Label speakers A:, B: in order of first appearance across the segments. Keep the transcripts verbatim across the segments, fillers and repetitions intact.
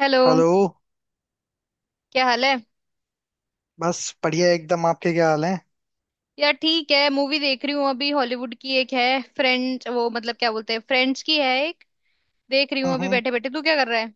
A: Hello.
B: Hello.
A: क्या हाल है?
B: बस बढ़िया एकदम। आपके क्या हाल है?
A: यार ठीक है, मूवी देख रही हूँ अभी, हॉलीवुड की एक है फ्रेंड्स, वो मतलब क्या बोलते हैं, फ्रेंड्स की है एक, देख रही हूँ अभी
B: हम्म
A: बैठे बैठे। तू क्या कर रहा है?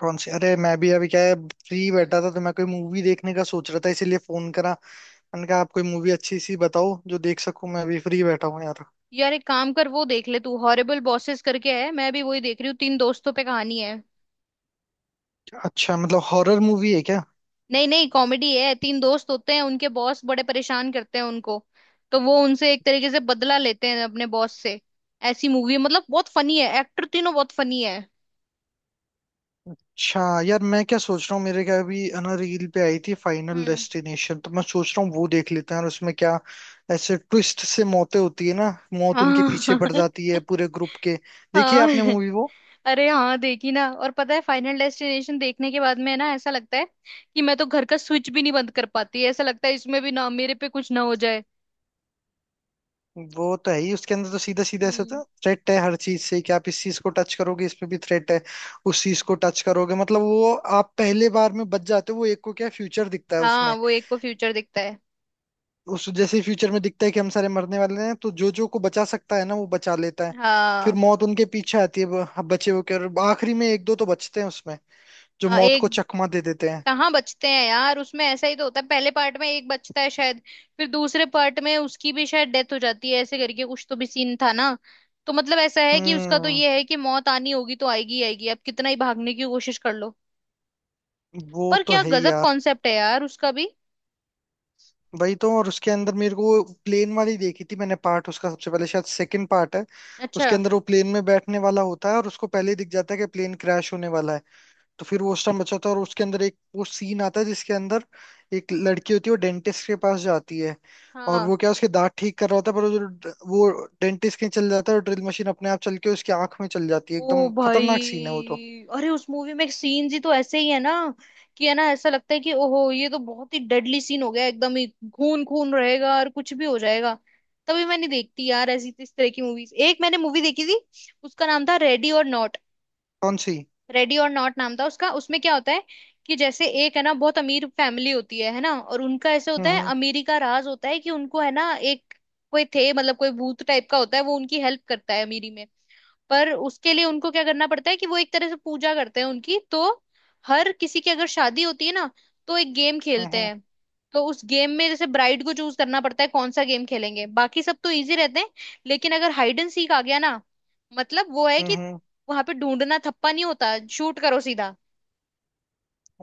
B: कौन सी? अरे मैं भी अभी क्या है, फ्री बैठा था, तो मैं कोई मूवी देखने का सोच रहा था, इसीलिए फोन करा। मैंने कहा आप कोई मूवी अच्छी सी बताओ जो देख सकूं, मैं भी फ्री बैठा हूँ यार।
A: यार एक काम कर, वो देख ले तू, हॉरिबल बॉसेस करके है, मैं भी वही देख रही हूँ, तीन दोस्तों पे कहानी है।
B: अच्छा, मतलब हॉरर मूवी है क्या?
A: नहीं नहीं, कॉमेडी है, तीन दोस्त होते हैं, उनके बॉस बड़े परेशान करते हैं उनको, तो वो उनसे एक तरीके से बदला लेते हैं अपने बॉस से। ऐसी मूवी है, मतलब बहुत फनी है, एक्टर तीनों बहुत फनी है।
B: अच्छा यार, मैं क्या सोच रहा हूँ, मेरे क्या अभी है ना, रील पे आई थी फाइनल
A: हम्म।
B: डेस्टिनेशन, तो मैं सोच रहा हूँ वो देख लेते हैं। और उसमें क्या, ऐसे ट्विस्ट से मौतें होती है ना, मौत उनके
A: हाँ
B: पीछे पड़ जाती है पूरे ग्रुप के। देखिए
A: हाँ।
B: आपने मूवी वो।
A: अरे हाँ देखी ना, और पता है, फाइनल डेस्टिनेशन देखने के बाद में ना ऐसा लगता है कि मैं तो घर का स्विच भी नहीं बंद कर पाती, ऐसा लगता है इसमें भी ना मेरे पे कुछ ना हो जाए।
B: वो तो है ही, उसके अंदर तो सीधा सीधा ऐसा
A: हम्म।
B: तो थ्रेट है हर चीज से कि आप इस चीज को टच करोगे, इसमें भी थ्रेट है, उस चीज को टच करोगे, मतलब वो आप पहले बार में बच जाते हो। वो एक को क्या फ्यूचर दिखता है
A: हाँ,
B: उसमें,
A: वो एक को फ्यूचर दिखता है।
B: उस जैसे फ्यूचर में दिखता है कि हम सारे मरने वाले हैं, तो जो जो को बचा सकता है ना वो बचा लेता है। फिर
A: हाँ।
B: मौत उनके पीछे आती है, ब- बचे हुए के, और आखिरी में एक दो तो बचते हैं उसमें, जो
A: हाँ
B: मौत को
A: एक,
B: चकमा दे देते हैं।
A: कहाँ बचते हैं यार उसमें? ऐसा ही तो होता है, पहले पार्ट में एक बचता है शायद, फिर दूसरे पार्ट में उसकी भी शायद डेथ हो जाती है, ऐसे करके कुछ तो भी सीन था ना। तो मतलब ऐसा है कि उसका तो
B: हम्म।
A: ये है कि मौत आनी होगी तो आएगी ही आएगी, अब कितना ही भागने की कोशिश कर लो।
B: वो
A: पर
B: तो
A: क्या
B: है ही
A: गजब
B: यार।
A: कॉन्सेप्ट है यार उसका भी।
B: वही तो। और उसके अंदर मेरे को प्लेन वाली देखी थी मैंने, पार्ट उसका सबसे पहले, शायद सेकंड पार्ट है।
A: अच्छा।
B: उसके अंदर वो प्लेन में बैठने वाला होता है, और उसको पहले ही दिख जाता है कि प्लेन क्रैश होने वाला है। तो फिर वो उस टाइम बचाता है, और उसके अंदर एक वो सीन आता है जिसके अंदर एक लड़की होती है, वो डेंटिस्ट के पास जाती है, और
A: हाँ।
B: वो क्या उसके दांत ठीक कर रहा होता है, पर वो जो वो डेंटिस्ट के चल जाता है और ड्रिल मशीन अपने आप चल के उसकी आंख में चल जाती है।
A: ओ
B: एकदम
A: भाई।
B: खतरनाक सीन है वो तो।
A: अरे उस मूवी में सीन्स ही तो ऐसे ही है ना, कि है ना ऐसा लगता है कि ओहो ये तो बहुत ही डेडली सीन हो गया एकदम ही, खून खून रहेगा और कुछ भी हो जाएगा। तभी मैं नहीं देखती यार ऐसी इस तरह की मूवीज। एक मैंने मूवी देखी थी, उसका नाम था रेडी और नॉट।
B: कौन सी?
A: रेडी और नॉट नाम था उसका। उसमें क्या होता है कि, जैसे एक है ना बहुत अमीर फैमिली होती है है ना, और उनका ऐसे
B: हम्म
A: होता है,
B: हम्म
A: अमीरी का राज होता है कि उनको है ना एक कोई थे, मतलब कोई भूत टाइप का होता है, वो उनकी हेल्प करता है अमीरी में। पर उसके लिए उनको क्या करना पड़ता है कि वो एक तरह से पूजा करते हैं उनकी। तो हर किसी की अगर शादी होती है ना, तो एक गेम खेलते
B: हम्म
A: हैं। तो उस गेम में जैसे ब्राइड को चूज करना पड़ता है कौन सा गेम खेलेंगे, बाकी सब तो इजी रहते हैं, लेकिन अगर हाइड एंड सीक आ गया ना, मतलब वो है
B: हम्म
A: कि
B: हम्म।
A: वहां पे ढूंढना थप्पा नहीं होता, शूट करो सीधा।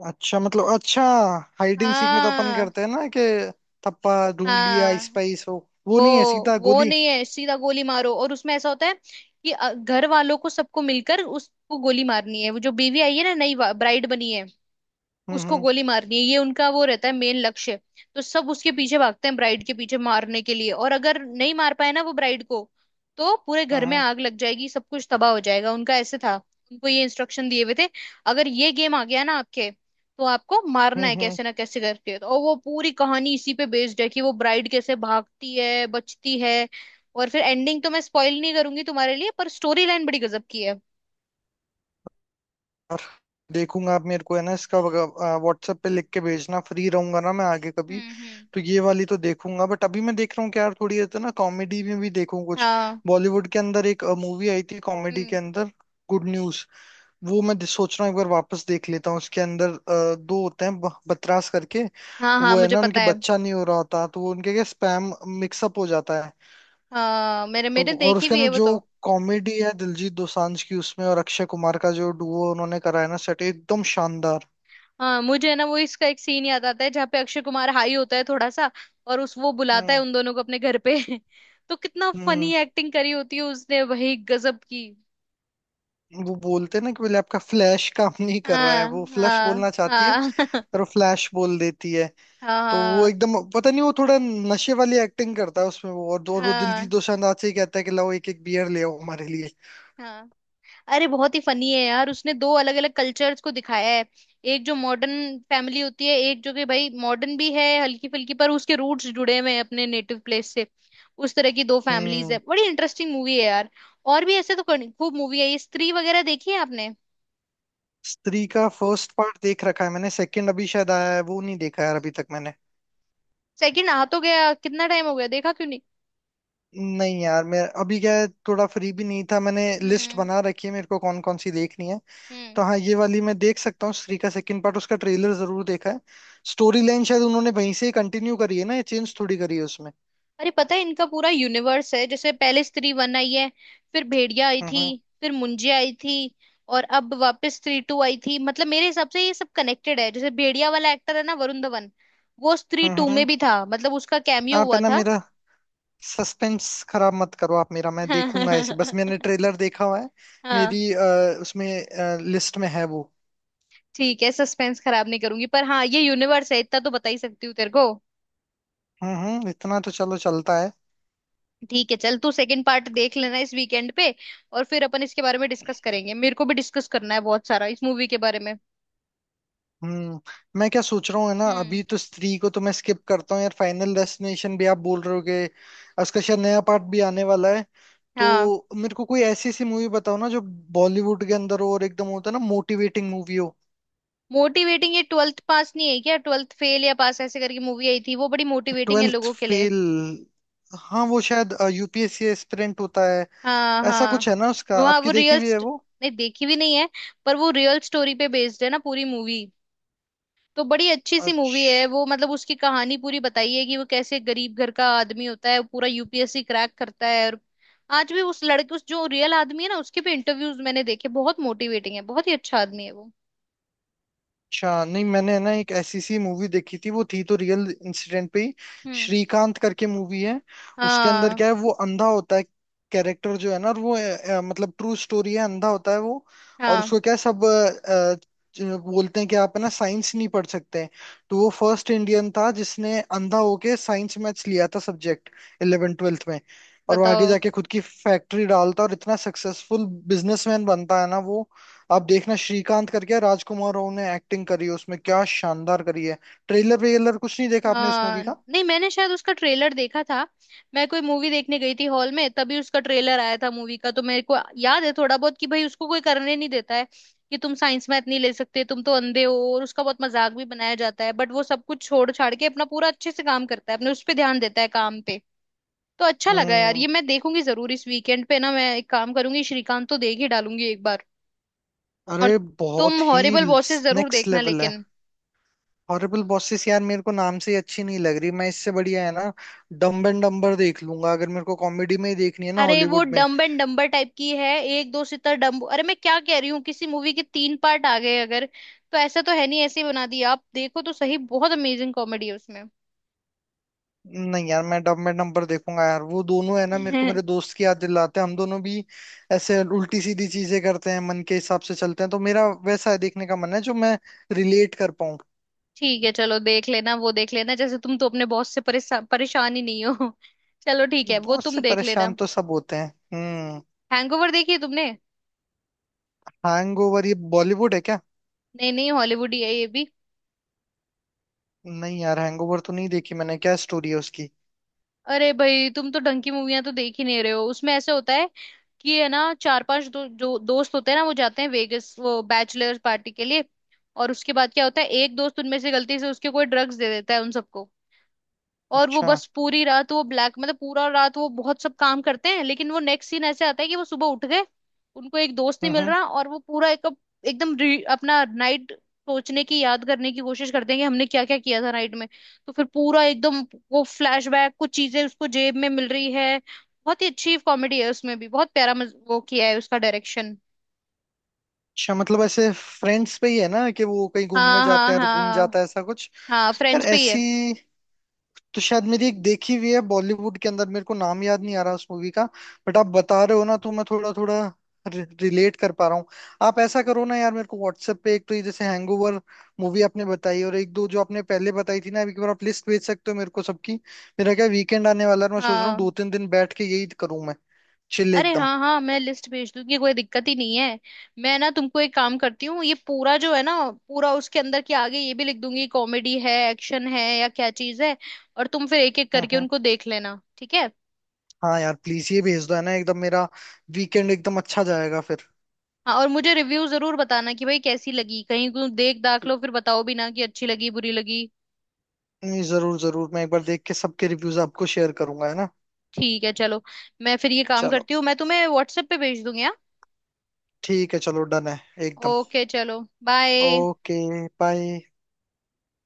B: अच्छा, मतलब अच्छा। हाइड एंड सीक में तो अपन
A: हाँ।
B: करते हैं ना कि थप्पा ढूंढ लिया,
A: हाँ
B: स्पाइस हो, वो
A: वो
B: नहीं है, सीधा
A: वो
B: गोली।
A: नहीं है, सीधा गोली मारो। और उसमें ऐसा होता है कि अ, घर वालों को सबको मिलकर उसको गोली मारनी है, वो जो बीवी आई है ना, नई ब्राइड बनी है,
B: हम्म हम्म
A: उसको गोली मारनी है, ये उनका वो रहता है मेन लक्ष्य। तो सब उसके पीछे भागते हैं, ब्राइड के पीछे मारने के लिए, और अगर नहीं मार पाए ना वो ब्राइड को, तो पूरे घर में
B: हम्म
A: आग लग जाएगी, सब कुछ तबाह हो जाएगा उनका, ऐसे था। उनको ये इंस्ट्रक्शन दिए हुए थे अगर ये गेम आ गया ना आपके, तो आपको मारना
B: हम्म
A: है
B: हम्म। हम्म,
A: कैसे ना कैसे करके। तो और वो पूरी कहानी इसी पे बेस्ड है कि वो ब्राइड कैसे भागती है बचती है। और फिर एंडिंग तो मैं स्पॉइल नहीं करूंगी तुम्हारे लिए, पर स्टोरी लाइन बड़ी गजब की है।
B: और देखूंगा। आप मेरे को है ना इसका व्हाट्सएप पे लिख के भेजना, फ्री रहूंगा ना मैं आगे कभी,
A: हम्म। हम्म।
B: तो ये वाली तो देखूंगा। बट अभी मैं देख रहा हूँ कि यार थोड़ी है तो ना कॉमेडी में भी देखूं कुछ।
A: हाँ।
B: बॉलीवुड के अंदर एक मूवी आई थी कॉमेडी के
A: हम्म।
B: अंदर, गुड न्यूज। वो मैं सोच रहा हूँ एक बार वापस देख लेता हूँ। उसके अंदर अ, दो होते हैं, ब- बतरास करके,
A: हाँ हाँ
B: वो है
A: मुझे
B: ना,
A: पता
B: उनके
A: है।
B: बच्चा नहीं हो रहा होता, तो वो उनके क्या स्पैम मिक्सअप हो जाता है।
A: हाँ मेरे
B: तो
A: मेरे
B: और
A: देखी
B: उसके
A: भी
B: अंदर
A: है वो
B: जो
A: तो।
B: कॉमेडी है दिलजीत दोसांझ की उसमें, और अक्षय कुमार का जो डुओ उन्होंने करा है ना, सेट एकदम शानदार।
A: हाँ मुझे है ना वो इसका एक सीन याद आता है जहाँ पे अक्षय कुमार हाई होता है थोड़ा सा, और उस वो बुलाता है
B: हम्म
A: उन दोनों को अपने घर पे तो कितना
B: हम्म
A: फनी एक्टिंग करी होती है उसने, वही गजब की।
B: वो बोलते हैं ना कि बोले आपका फ्लैश काम नहीं कर रहा है,
A: हाँ
B: वो फ्लश
A: हाँ
B: बोलना चाहती है
A: हाँ
B: पर वो फ्लैश बोल देती है।
A: हाँ
B: तो वो
A: हाँ।
B: एकदम, पता नहीं, वो थोड़ा नशे वाली एक्टिंग करता है उसमें वो। और दो वो दिलजीत
A: हाँ
B: दोसांझ से ही कहता है कि लाओ एक एक बियर ले आओ हमारे लिए।
A: हाँ। अरे बहुत ही फनी है यार, उसने दो अलग अलग कल्चर्स को दिखाया है। एक जो मॉडर्न फैमिली होती है, एक जो कि भाई मॉडर्न भी है हल्की फुल्की पर उसके रूट्स जुड़े हुए हैं अपने नेटिव प्लेस से। उस तरह की दो फैमिलीज है,
B: हम्म
A: बड़ी इंटरेस्टिंग मूवी है यार। और भी ऐसे तो करनी- खूब मूवी है ये। स्त्री वगैरह देखी है आपने?
B: स्त्री का फर्स्ट पार्ट देख रखा है मैंने, सेकंड अभी शायद आया है, वो नहीं देखा यार अभी तक मैंने।
A: सेकंड आ तो गया कितना टाइम हो गया, देखा क्यों नहीं?
B: नहीं यार मैं अभी क्या है, थोड़ा फ्री भी नहीं था। मैंने लिस्ट
A: हम्म।
B: बना रखी है मेरे को कौन कौन सी देखनी है।
A: हम्म।
B: तो हाँ, ये वाली मैं देख सकता हूँ, स्त्री का सेकंड पार्ट, उसका ट्रेलर जरूर देखा है। स्टोरी लाइन शायद उन्होंने वहीं से ही कंटिन्यू करी है ना, ये चेंज थोड़ी करी है उसमें।
A: अरे पता है इनका पूरा यूनिवर्स है, जैसे पहले स्त्री वन आई है, फिर भेड़िया आई
B: हम्म
A: थी,
B: हम्म
A: फिर मुंजिया आई थी, और अब वापस स्त्री टू आई थी। मतलब मेरे हिसाब से ये सब कनेक्टेड है, जैसे भेड़िया वाला एक्टर है ना वरुण धवन, वो स्त्री
B: हम्म
A: टू में
B: हम्म।
A: भी था, मतलब उसका कैमियो
B: आप है
A: हुआ
B: ना
A: था।
B: मेरा सस्पेंस खराब मत करो आप मेरा, मैं देखूंगा ऐसे, बस मैंने ट्रेलर देखा हुआ है।
A: हाँ।
B: मेरी अ, उसमें लिस्ट में है वो।
A: ठीक है सस्पेंस खराब नहीं करूंगी, पर हाँ ये यूनिवर्स है इतना तो बता ही सकती हूँ तेरे को।
B: हम्म हम्म, इतना तो चलो चलता है।
A: ठीक है, चल तू सेकंड पार्ट देख लेना इस वीकेंड पे, और फिर अपन इसके बारे में डिस्कस करेंगे, मेरे को भी डिस्कस करना है बहुत सारा इस मूवी के बारे में।
B: हम्म मैं क्या सोच रहा हूँ है ना,
A: हम्म।
B: अभी तो स्त्री को तो मैं स्किप करता हूँ यार। फाइनल डेस्टिनेशन भी आप बोल रहे हो कि उसका शायद नया पार्ट भी आने वाला है,
A: हाँ।
B: तो मेरे को कोई ऐसी सी मूवी बताओ ना जो बॉलीवुड के अंदर हो, और एकदम होता है ना मोटिवेटिंग मूवी हो।
A: मोटिवेटिंग? ये ट्वेल्थ पास नहीं है क्या, ट्वेल्थ फेल या पास ऐसे करके मूवी आई थी, वो बड़ी मोटिवेटिंग है
B: ट्वेल्थ
A: लोगों के लिए।
B: फेल। हाँ, वो शायद यूपीएससी एस्पिरेंट होता है,
A: हाँ
B: ऐसा
A: हाँ।
B: कुछ है ना उसका।
A: वहाँ
B: आपकी
A: वो
B: देखी
A: रियल,
B: हुई है वो?
A: नहीं देखी भी नहीं है, पर वो रियल स्टोरी पे बेस्ड है ना पूरी मूवी, तो बड़ी अच्छी सी मूवी है
B: अच्छा।
A: वो। मतलब उसकी कहानी पूरी बताई है कि वो कैसे गरीब घर का आदमी होता है, वो पूरा U P S C crack करता है। और आज भी उस लड़के, उस जो रियल आदमी है ना, उसके भी इंटरव्यूज मैंने देखे, बहुत मोटिवेटिंग है, बहुत ही अच्छा आदमी है वो।
B: अच्छा, नहीं मैंने ना एक ऐसी सी मूवी देखी थी, वो थी तो रियल इंसिडेंट पे ही,
A: हम्म।
B: श्रीकांत करके मूवी है। उसके अंदर
A: हाँ
B: क्या है, वो अंधा होता है, कैरेक्टर जो है ना, और वो अ, अ, मतलब ट्रू स्टोरी है, अंधा होता है वो, और
A: हाँ।
B: उसको क्या है, सब अ, अ, जो बोलते हैं कि आप है ना साइंस नहीं पढ़ सकते हैं, तो वो फर्स्ट इंडियन था जिसने अंधा होके साइंस मैथ्स लिया था सब्जेक्ट इलेवन ट्वेल्थ में। और वो आगे
A: बताओ।
B: जाके खुद की फैक्ट्री डालता और इतना सक्सेसफुल बिजनेसमैन बनता है ना वो। आप देखना, श्रीकांत करके है, राजकुमार राव ने एक्टिंग करी है उसमें, क्या शानदार करी है। ट्रेलर वेलर कुछ नहीं देखा आपने उस मूवी
A: हाँ
B: का?
A: नहीं, मैंने शायद उसका ट्रेलर देखा था। मैं कोई मूवी देखने गई थी हॉल में, तभी उसका ट्रेलर आया था मूवी का, तो मेरे को याद है थोड़ा बहुत कि भाई उसको कोई करने नहीं देता है कि तुम साइंस मैथ नहीं ले सकते तुम तो अंधे हो, और उसका बहुत मजाक भी बनाया जाता है, बट वो सब कुछ छोड़ छाड़ के अपना पूरा अच्छे से काम करता है, अपने उस पर ध्यान देता है काम पे। तो अच्छा लगा यार,
B: हम्म
A: ये मैं देखूंगी जरूर इस वीकेंड पे ना, मैं एक काम करूंगी, श्रीकांत तो देख ही डालूंगी एक बार। और
B: अरे बहुत
A: तुम
B: ही
A: हॉरिबल बॉसेस जरूर
B: नेक्स्ट
A: देखना
B: लेवल है।
A: लेकिन।
B: हॉरिबल बॉसेस यार मेरे को नाम से ही अच्छी नहीं लग रही। मैं इससे बढ़िया है ना डम्ब एंड डम्बर देख लूंगा, अगर मेरे को कॉमेडी में ही देखनी है ना
A: अरे वो
B: हॉलीवुड में।
A: डम्ब एंड डम्बर टाइप की है। एक दो सितर डम्ब, अरे मैं क्या कह रही हूँ, किसी मूवी के तीन पार्ट आ गए अगर तो ऐसा तो है नहीं ऐसे ही बना दिया, आप देखो तो सही, बहुत अमेजिंग कॉमेडी है उसमें।
B: नहीं यार मैं डम्ब एंड डम्बर देखूंगा यार। वो दोनों है ना मेरे को मेरे दोस्त की याद दिलाते हैं, हम दोनों भी ऐसे उल्टी सीधी चीजें करते हैं, मन के हिसाब से चलते हैं, तो मेरा वैसा देखने का मन है जो मैं रिलेट कर पाऊं।
A: ठीक है चलो, देख लेना वो देख लेना, जैसे तुम तो अपने बॉस से परेशान परेशान ही नहीं हो। चलो ठीक है वो
B: बॉस से
A: तुम देख लेना।
B: परेशान तो सब होते हैं। हम्म
A: हैंगओवर देखी है तुमने?
B: हैंगओवर? ये बॉलीवुड है क्या?
A: नहीं नहीं, हॉलीवुड ही है ये भी।
B: नहीं यार, हैंगओवर तो नहीं देखी मैंने। क्या स्टोरी है उसकी?
A: अरे भाई तुम तो डंकी मूवियां तो देख ही नहीं रहे हो। उसमें ऐसे होता है कि है ना चार पांच दो, जो दोस्त होते हैं ना वो जाते हैं वेगस, वो बैचलर्स पार्टी के लिए, और उसके बाद क्या होता है, एक दोस्त उनमें से गलती से उसके कोई ड्रग्स दे देता है उन सबको, और वो
B: अच्छा।
A: बस पूरी रात वो ब्लैक, मतलब पूरा रात वो बहुत सब काम करते हैं, लेकिन वो नेक्स्ट सीन ऐसे आता है कि वो सुबह उठ गए, उनको एक दोस्त
B: हम्म
A: नहीं मिल
B: हम्म
A: रहा, और वो पूरा एक एकदम re- अपना नाइट सोचने की, याद करने की कोशिश करते हैं कि हमने क्या क्या किया था नाइट में। तो फिर पूरा एकदम वो फ्लैशबैक, कुछ चीजें उसको जेब में मिल रही है, बहुत ही अच्छी कॉमेडी है उसमें भी, बहुत प्यारा मज- वो किया है उसका डायरेक्शन।
B: अच्छा, मतलब ऐसे फ्रेंड्स पे ही है ना, कि वो कहीं घूमने
A: हाँ
B: जाते
A: हाँ
B: हैं और घूम
A: हाँ।
B: जाता है, ऐसा कुछ।
A: हाँ
B: यार
A: फ्रेंड्स पे ही है।
B: ऐसी तो शायद मेरी एक देखी हुई है बॉलीवुड के अंदर, मेरे को नाम याद नहीं आ रहा उस मूवी का, बट आप बता रहे हो ना तो मैं थोड़ा थोड़ा रिलेट कर पा रहा हूँ। आप ऐसा करो ना यार, मेरे को व्हाट्सएप पे, एक तो ये जैसे हैंगओवर मूवी आपने बताई, और एक दो जो आपने पहले बताई थी ना, एक बार आप लिस्ट भेज सकते हो मेरे को सबकी। मेरा क्या वीकेंड आने वाला है, मैं सोच रहा हूँ दो
A: हाँ
B: तीन दिन बैठ के यही करूँ मैं, चिल
A: अरे
B: एकदम।
A: हाँ हाँ मैं लिस्ट भेज दूंगी, कोई दिक्कत ही नहीं है। मैं ना तुमको एक काम करती हूँ, ये पूरा जो है ना, पूरा उसके अंदर के आगे ये भी लिख दूंगी कॉमेडी है एक्शन है या क्या चीज है, और तुम फिर एक एक
B: हम्म
A: करके
B: हम्म
A: उनको देख लेना। ठीक है?
B: हाँ यार प्लीज ये भेज दो है ना, एकदम मेरा वीकेंड एकदम अच्छा जाएगा फिर।
A: हाँ और मुझे रिव्यू जरूर बताना कि भाई कैसी लगी, कहीं तुम देख दाख लो फिर बताओ भी ना कि अच्छी लगी बुरी लगी।
B: नहीं जरूर जरूर, मैं एक बार देख के सबके रिव्यूज आपको शेयर करूंगा है ना।
A: ठीक है चलो, मैं फिर ये काम
B: चलो।
A: करती हूँ, मैं तुम्हें व्हाट्सएप पे भेज दूंगी हाँ।
B: ठीक है चलो, डन है एकदम।
A: ओके चलो बाय।
B: ओके। बाय।